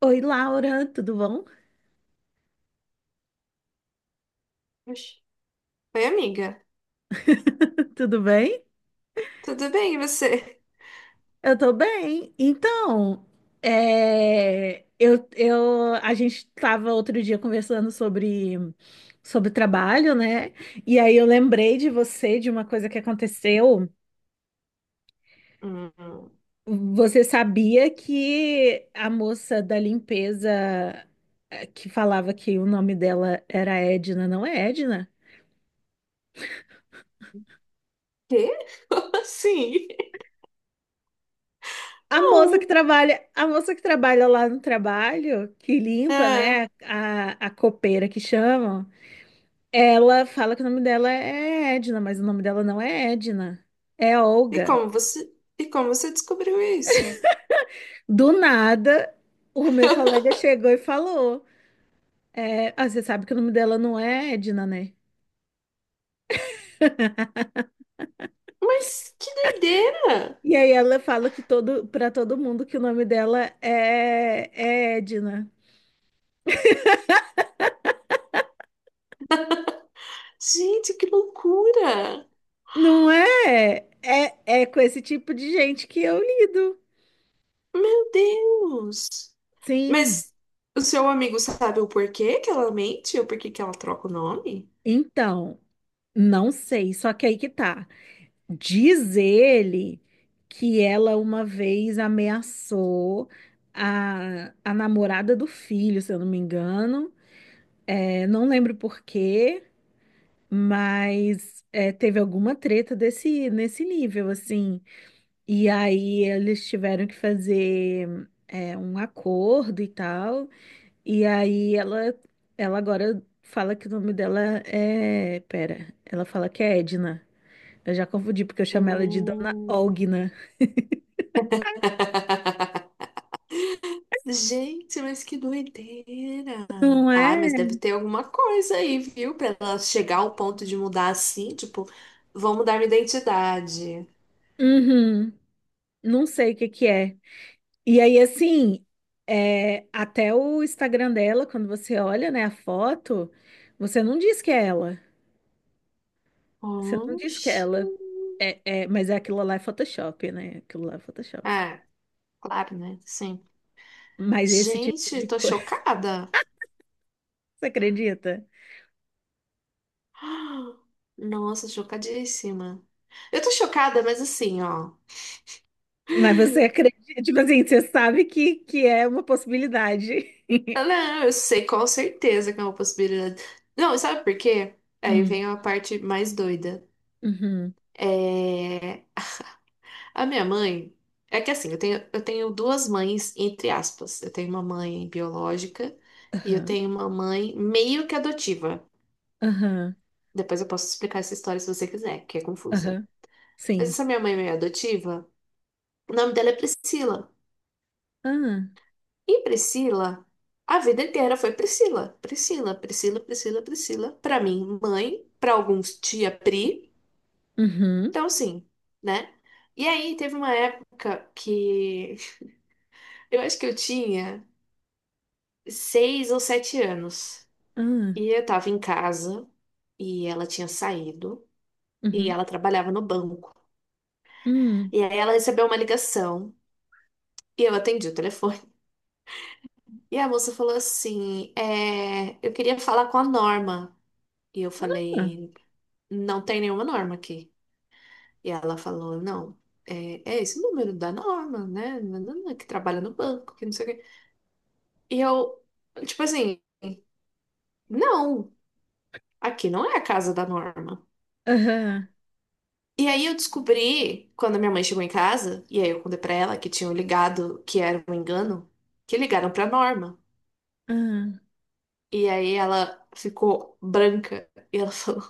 Oi, Laura, tudo bom? Oxi. Oi, amiga. Tudo bem? Tudo bem, e você? Eu tô bem. Então, eu, a gente tava outro dia conversando sobre trabalho, né? E aí eu lembrei de você, de uma coisa que aconteceu. Hum. Você sabia que a moça da limpeza que falava que o nome dela era Edna, não é Edna? Quê? Como assim? A moça que Não. trabalha, lá no trabalho, que limpa, É. né, a copeira que chamam, ela fala que o nome dela é Edna, mas o nome dela não é Edna, é E Olga. como você, e como você descobriu isso? Do nada, o meu colega chegou e falou, você sabe que o nome dela não é Edna, né? Mas que doideira! E aí ela fala que para todo mundo que o nome dela é Edna. Gente, que loucura! Não é, é com esse tipo de gente que eu lido. Meu Deus! Sim. Mas o seu amigo sabe o porquê que ela mente? O porquê que ela troca o nome? Então, não sei, só que aí que tá. Diz ele que ela uma vez ameaçou a namorada do filho, se eu não me engano. É, não lembro por quê, mas teve alguma treta nesse nível, assim. E aí eles tiveram que fazer um acordo e tal. E aí ela agora fala que o nome dela é. Pera, ela fala que é Edna. Eu já confundi porque eu chamo ela de Dona Hum. Ogna. Gente, mas que doideira! Não Ah, é? mas deve ter alguma coisa aí, viu? Pra ela chegar ao ponto de mudar assim, tipo, vou mudar minha identidade. Uhum. Não sei o que que é. E aí, assim, até o Instagram dela, quando você olha, né, a foto, você não diz que é ela. Você não diz que é Oxi. ela. Mas é aquilo lá é Photoshop, né? Aquilo lá é Photoshop. Ah, claro, né? Sim. Mas esse tipo Gente, de tô coisa, chocada. você acredita? Ah, nossa, chocadíssima. Eu tô chocada, mas assim, ó. Mas você acredita, tipo assim, você sabe que é uma possibilidade. Eu não, eu sei com certeza que é uma possibilidade. Não, sabe por quê? Aí Hum, vem a parte mais doida. uhum, É. A minha mãe. É que assim, eu tenho duas mães, entre aspas. Eu tenho uma mãe biológica e eu aham, tenho uma mãe meio que adotiva. aham, Depois eu posso explicar essa história se você quiser, que é confusa. aham, Mas sim. essa minha mãe meio adotiva. O nome dela é Priscila. Ah, E Priscila, a vida inteira foi Priscila, Priscila, Priscila, Priscila, Priscila. Para mim, mãe, para alguns, tia Pri. uhum, Então, assim, né? E aí, teve uma época que eu acho que eu tinha 6 ou 7 anos. ah, E eu tava em casa e ela tinha saído e uhum, ela trabalhava no banco. hum, E aí, ela recebeu uma ligação. E eu atendi o telefone. E a moça falou assim: é, eu queria falar com a Norma. E eu ah, falei, não tem nenhuma Norma aqui. E ela falou, não, é, é esse o número da Norma, né? Nananã, que trabalha no banco, que não sei o quê. E eu, tipo assim, não, aqui não é a casa da Norma. aham, E aí eu descobri, quando a minha mãe chegou em casa, e aí eu contei pra ela que tinham ligado, que era um engano, que ligaram pra Norma. ah. E aí ela ficou branca e ela falou,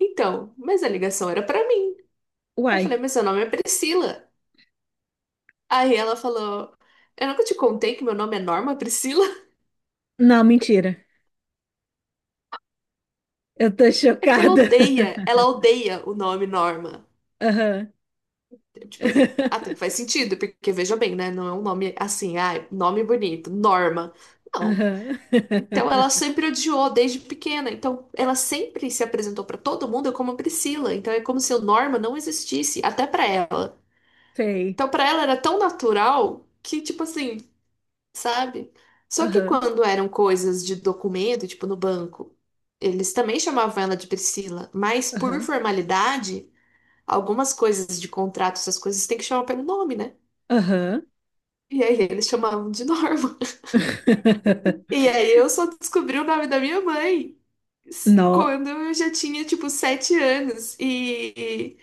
então, mas a ligação era pra mim. Eu falei, Uai, mas seu nome é Priscila. Aí ela falou: eu nunca te contei que meu nome é Norma Priscila? não, mentira. Eu tô É que chocada. Ela odeia o nome Norma. Aham, Tipo assim, até faz sentido, porque veja bem, né? Não é um nome assim, ah, nome bonito, Norma. Não. aham, Então ela sempre odiou desde pequena. Então ela sempre se apresentou pra todo mundo como Priscila. Então é como se o Norma não existisse, até pra ela. sei, Então pra ela era tão natural que, tipo assim. Sabe? Só que aham, quando eram coisas de documento, tipo no banco, eles também chamavam ela de Priscila, mas por aham, formalidade, algumas coisas de contrato, essas coisas tem que chamar pelo nome, né? aham. E aí eles chamavam de Norma. E aí eu só descobri o nome da minha mãe Nó, quando eu já tinha, tipo, 7 anos. E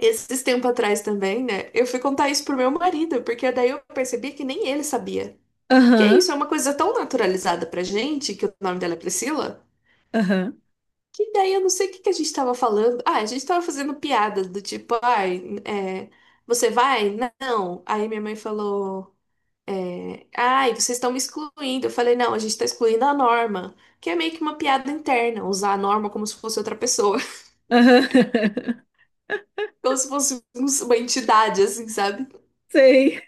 esses tempo atrás também, né? Eu fui contar isso pro meu marido, porque daí eu percebi que nem ele sabia. Porque é aham, isso, é uma coisa tão naturalizada pra gente, que o nome dela é Priscila, aham, que daí eu não sei o que que a gente tava falando. Ah, a gente tava fazendo piada do tipo, ai, é, você vai? Não. Aí minha mãe falou, é, ai, vocês estão me excluindo. Eu falei, não, a gente tá excluindo a Norma, que é meio que uma piada interna, usar a Norma como se fosse outra pessoa, aham, como se fosse uma entidade, assim, sabe? sei,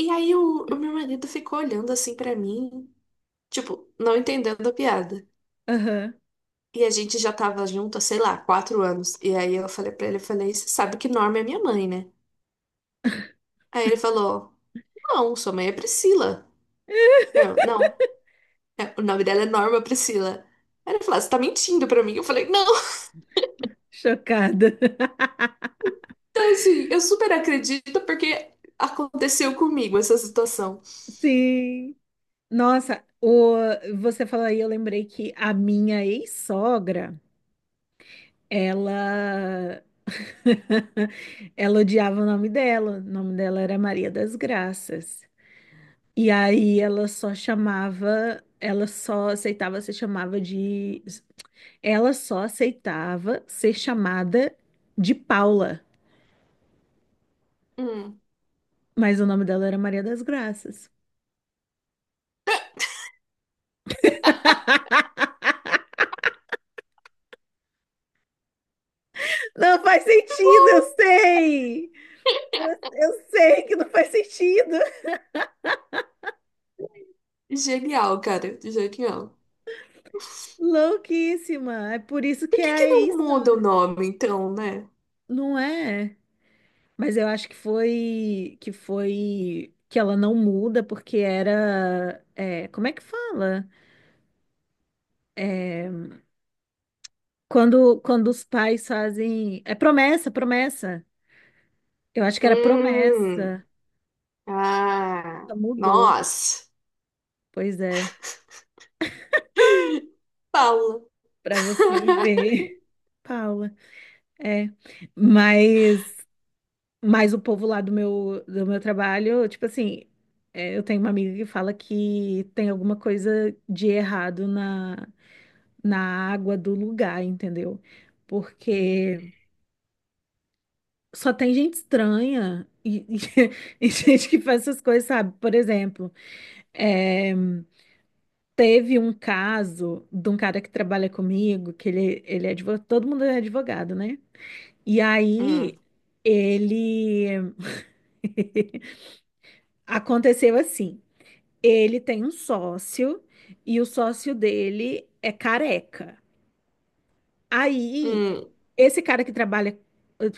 E aí o meu marido ficou olhando assim pra mim, tipo, não entendendo a piada. aham, E a gente já tava junto, há, sei lá, 4 anos. E aí eu falei pra ele, eu falei, você sabe que Norma é minha mãe, né? Aí ele falou, não, sua mãe é Priscila. Eu, não, é, o nome dela é Norma Priscila. Aí ele falou, "Ah, você tá mentindo pra mim." Eu falei, não. chocada. Então, assim, eu super acredito porque aconteceu comigo essa situação. Sim. Nossa, você falou aí, eu lembrei que a minha ex-sogra, ela ela odiava o nome dela. O nome dela era Maria das Graças. E aí ela só chamava, ela só aceitava ser chamada de Paula, Hum. mas o nome dela era Maria das Graças. Não faz Tá sentido, eu bom. sei. Eu sei que não faz sentido. Genial, cara, genial. Louquíssima. É por isso Por que é que que a não muda o ex-sogra. nome, então, né? Não é? Mas eu acho que foi que foi que ela não muda porque era como é que fala? É, quando os pais fazem promessa, promessa. Eu acho que era Hum. promessa. Ah, Ela mudou. nossa. Pois é, Paula. para você ver. Paula. É, mas mas o povo lá do meu trabalho, tipo assim, eu tenho uma amiga que fala que tem alguma coisa de errado na água do lugar, entendeu? Porque só tem gente estranha e e gente que faz essas coisas, sabe? Por exemplo, é, teve um caso de um cara que trabalha comigo, que ele é advogado, todo mundo é advogado, né? E aí Hum. ele aconteceu assim. Ele tem um sócio e o sócio dele é careca. Aí, Hum, esse cara que trabalha.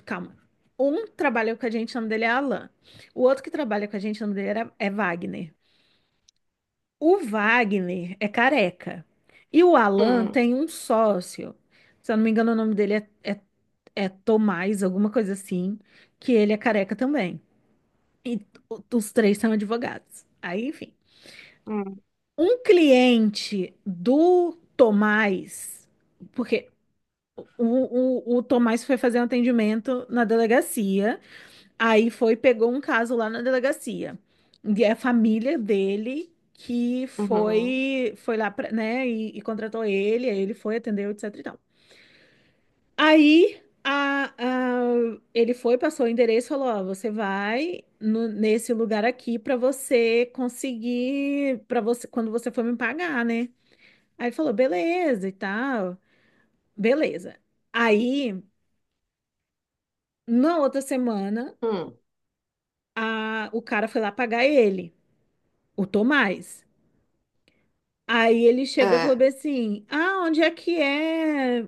Calma. Um trabalha com a gente, o nome dele é Alan. O outro que trabalha com a gente, o nome dele era- é Wagner. O Wagner é careca. E o Alan hum, tem um sócio. Se eu não me engano, o nome é Tomás, alguma coisa assim, que ele é careca também. E t- os três são advogados. Aí, enfim. hum, Um cliente do Tomás, porque o Tomás foi fazer um atendimento na delegacia, aí foi, pegou um caso lá na delegacia. E é a família dele que uhum, foi, foi lá, pra, né, e contratou ele, aí ele foi, atendeu, etc e tal. Aí a, a- Ele foi, passou o endereço, falou: Ó, você vai nesse lugar aqui para você conseguir, para você, quando você for me pagar, né? Aí ele falou, beleza e tal, beleza. Aí, na outra semana, hum, o cara foi lá pagar ele, o Tomás. Aí ele chegou e falou ah, bem assim: Ah, onde é que é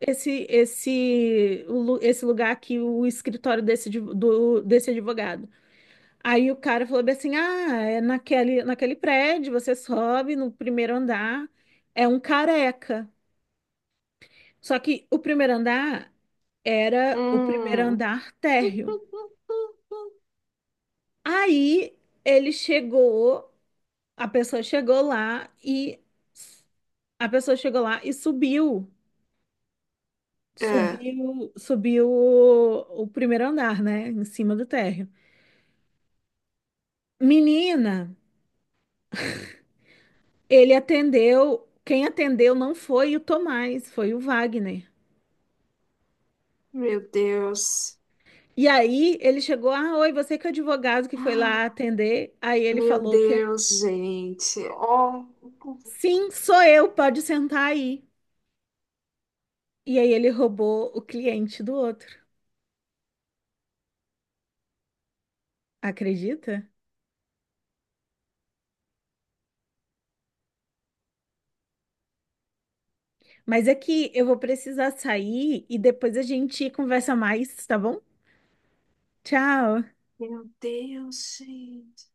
esse lugar aqui, o escritório desse advogado? Aí o cara falou bem assim: Ah, é naquele prédio, você sobe no primeiro andar, é um careca. Só que o primeiro andar era o primeiro hum. andar térreo. Aí ele chegou, a pessoa chegou lá e a pessoa chegou lá e subiu, Ah, subiu o primeiro andar, né, em cima do térreo. Menina, ele atendeu, quem atendeu não foi o Tomás, foi o Wagner. meu Deus. E aí ele chegou, ah, oi, você que é o advogado que foi lá Ah, atender. Aí ele meu falou o quê? Deus, gente. Oh, Sim, sou eu, pode sentar aí. E aí ele roubou o cliente do outro. Acredita? Mas é que eu vou precisar sair e depois a gente conversa mais, tá bom? Tchau. meu Deus, gente.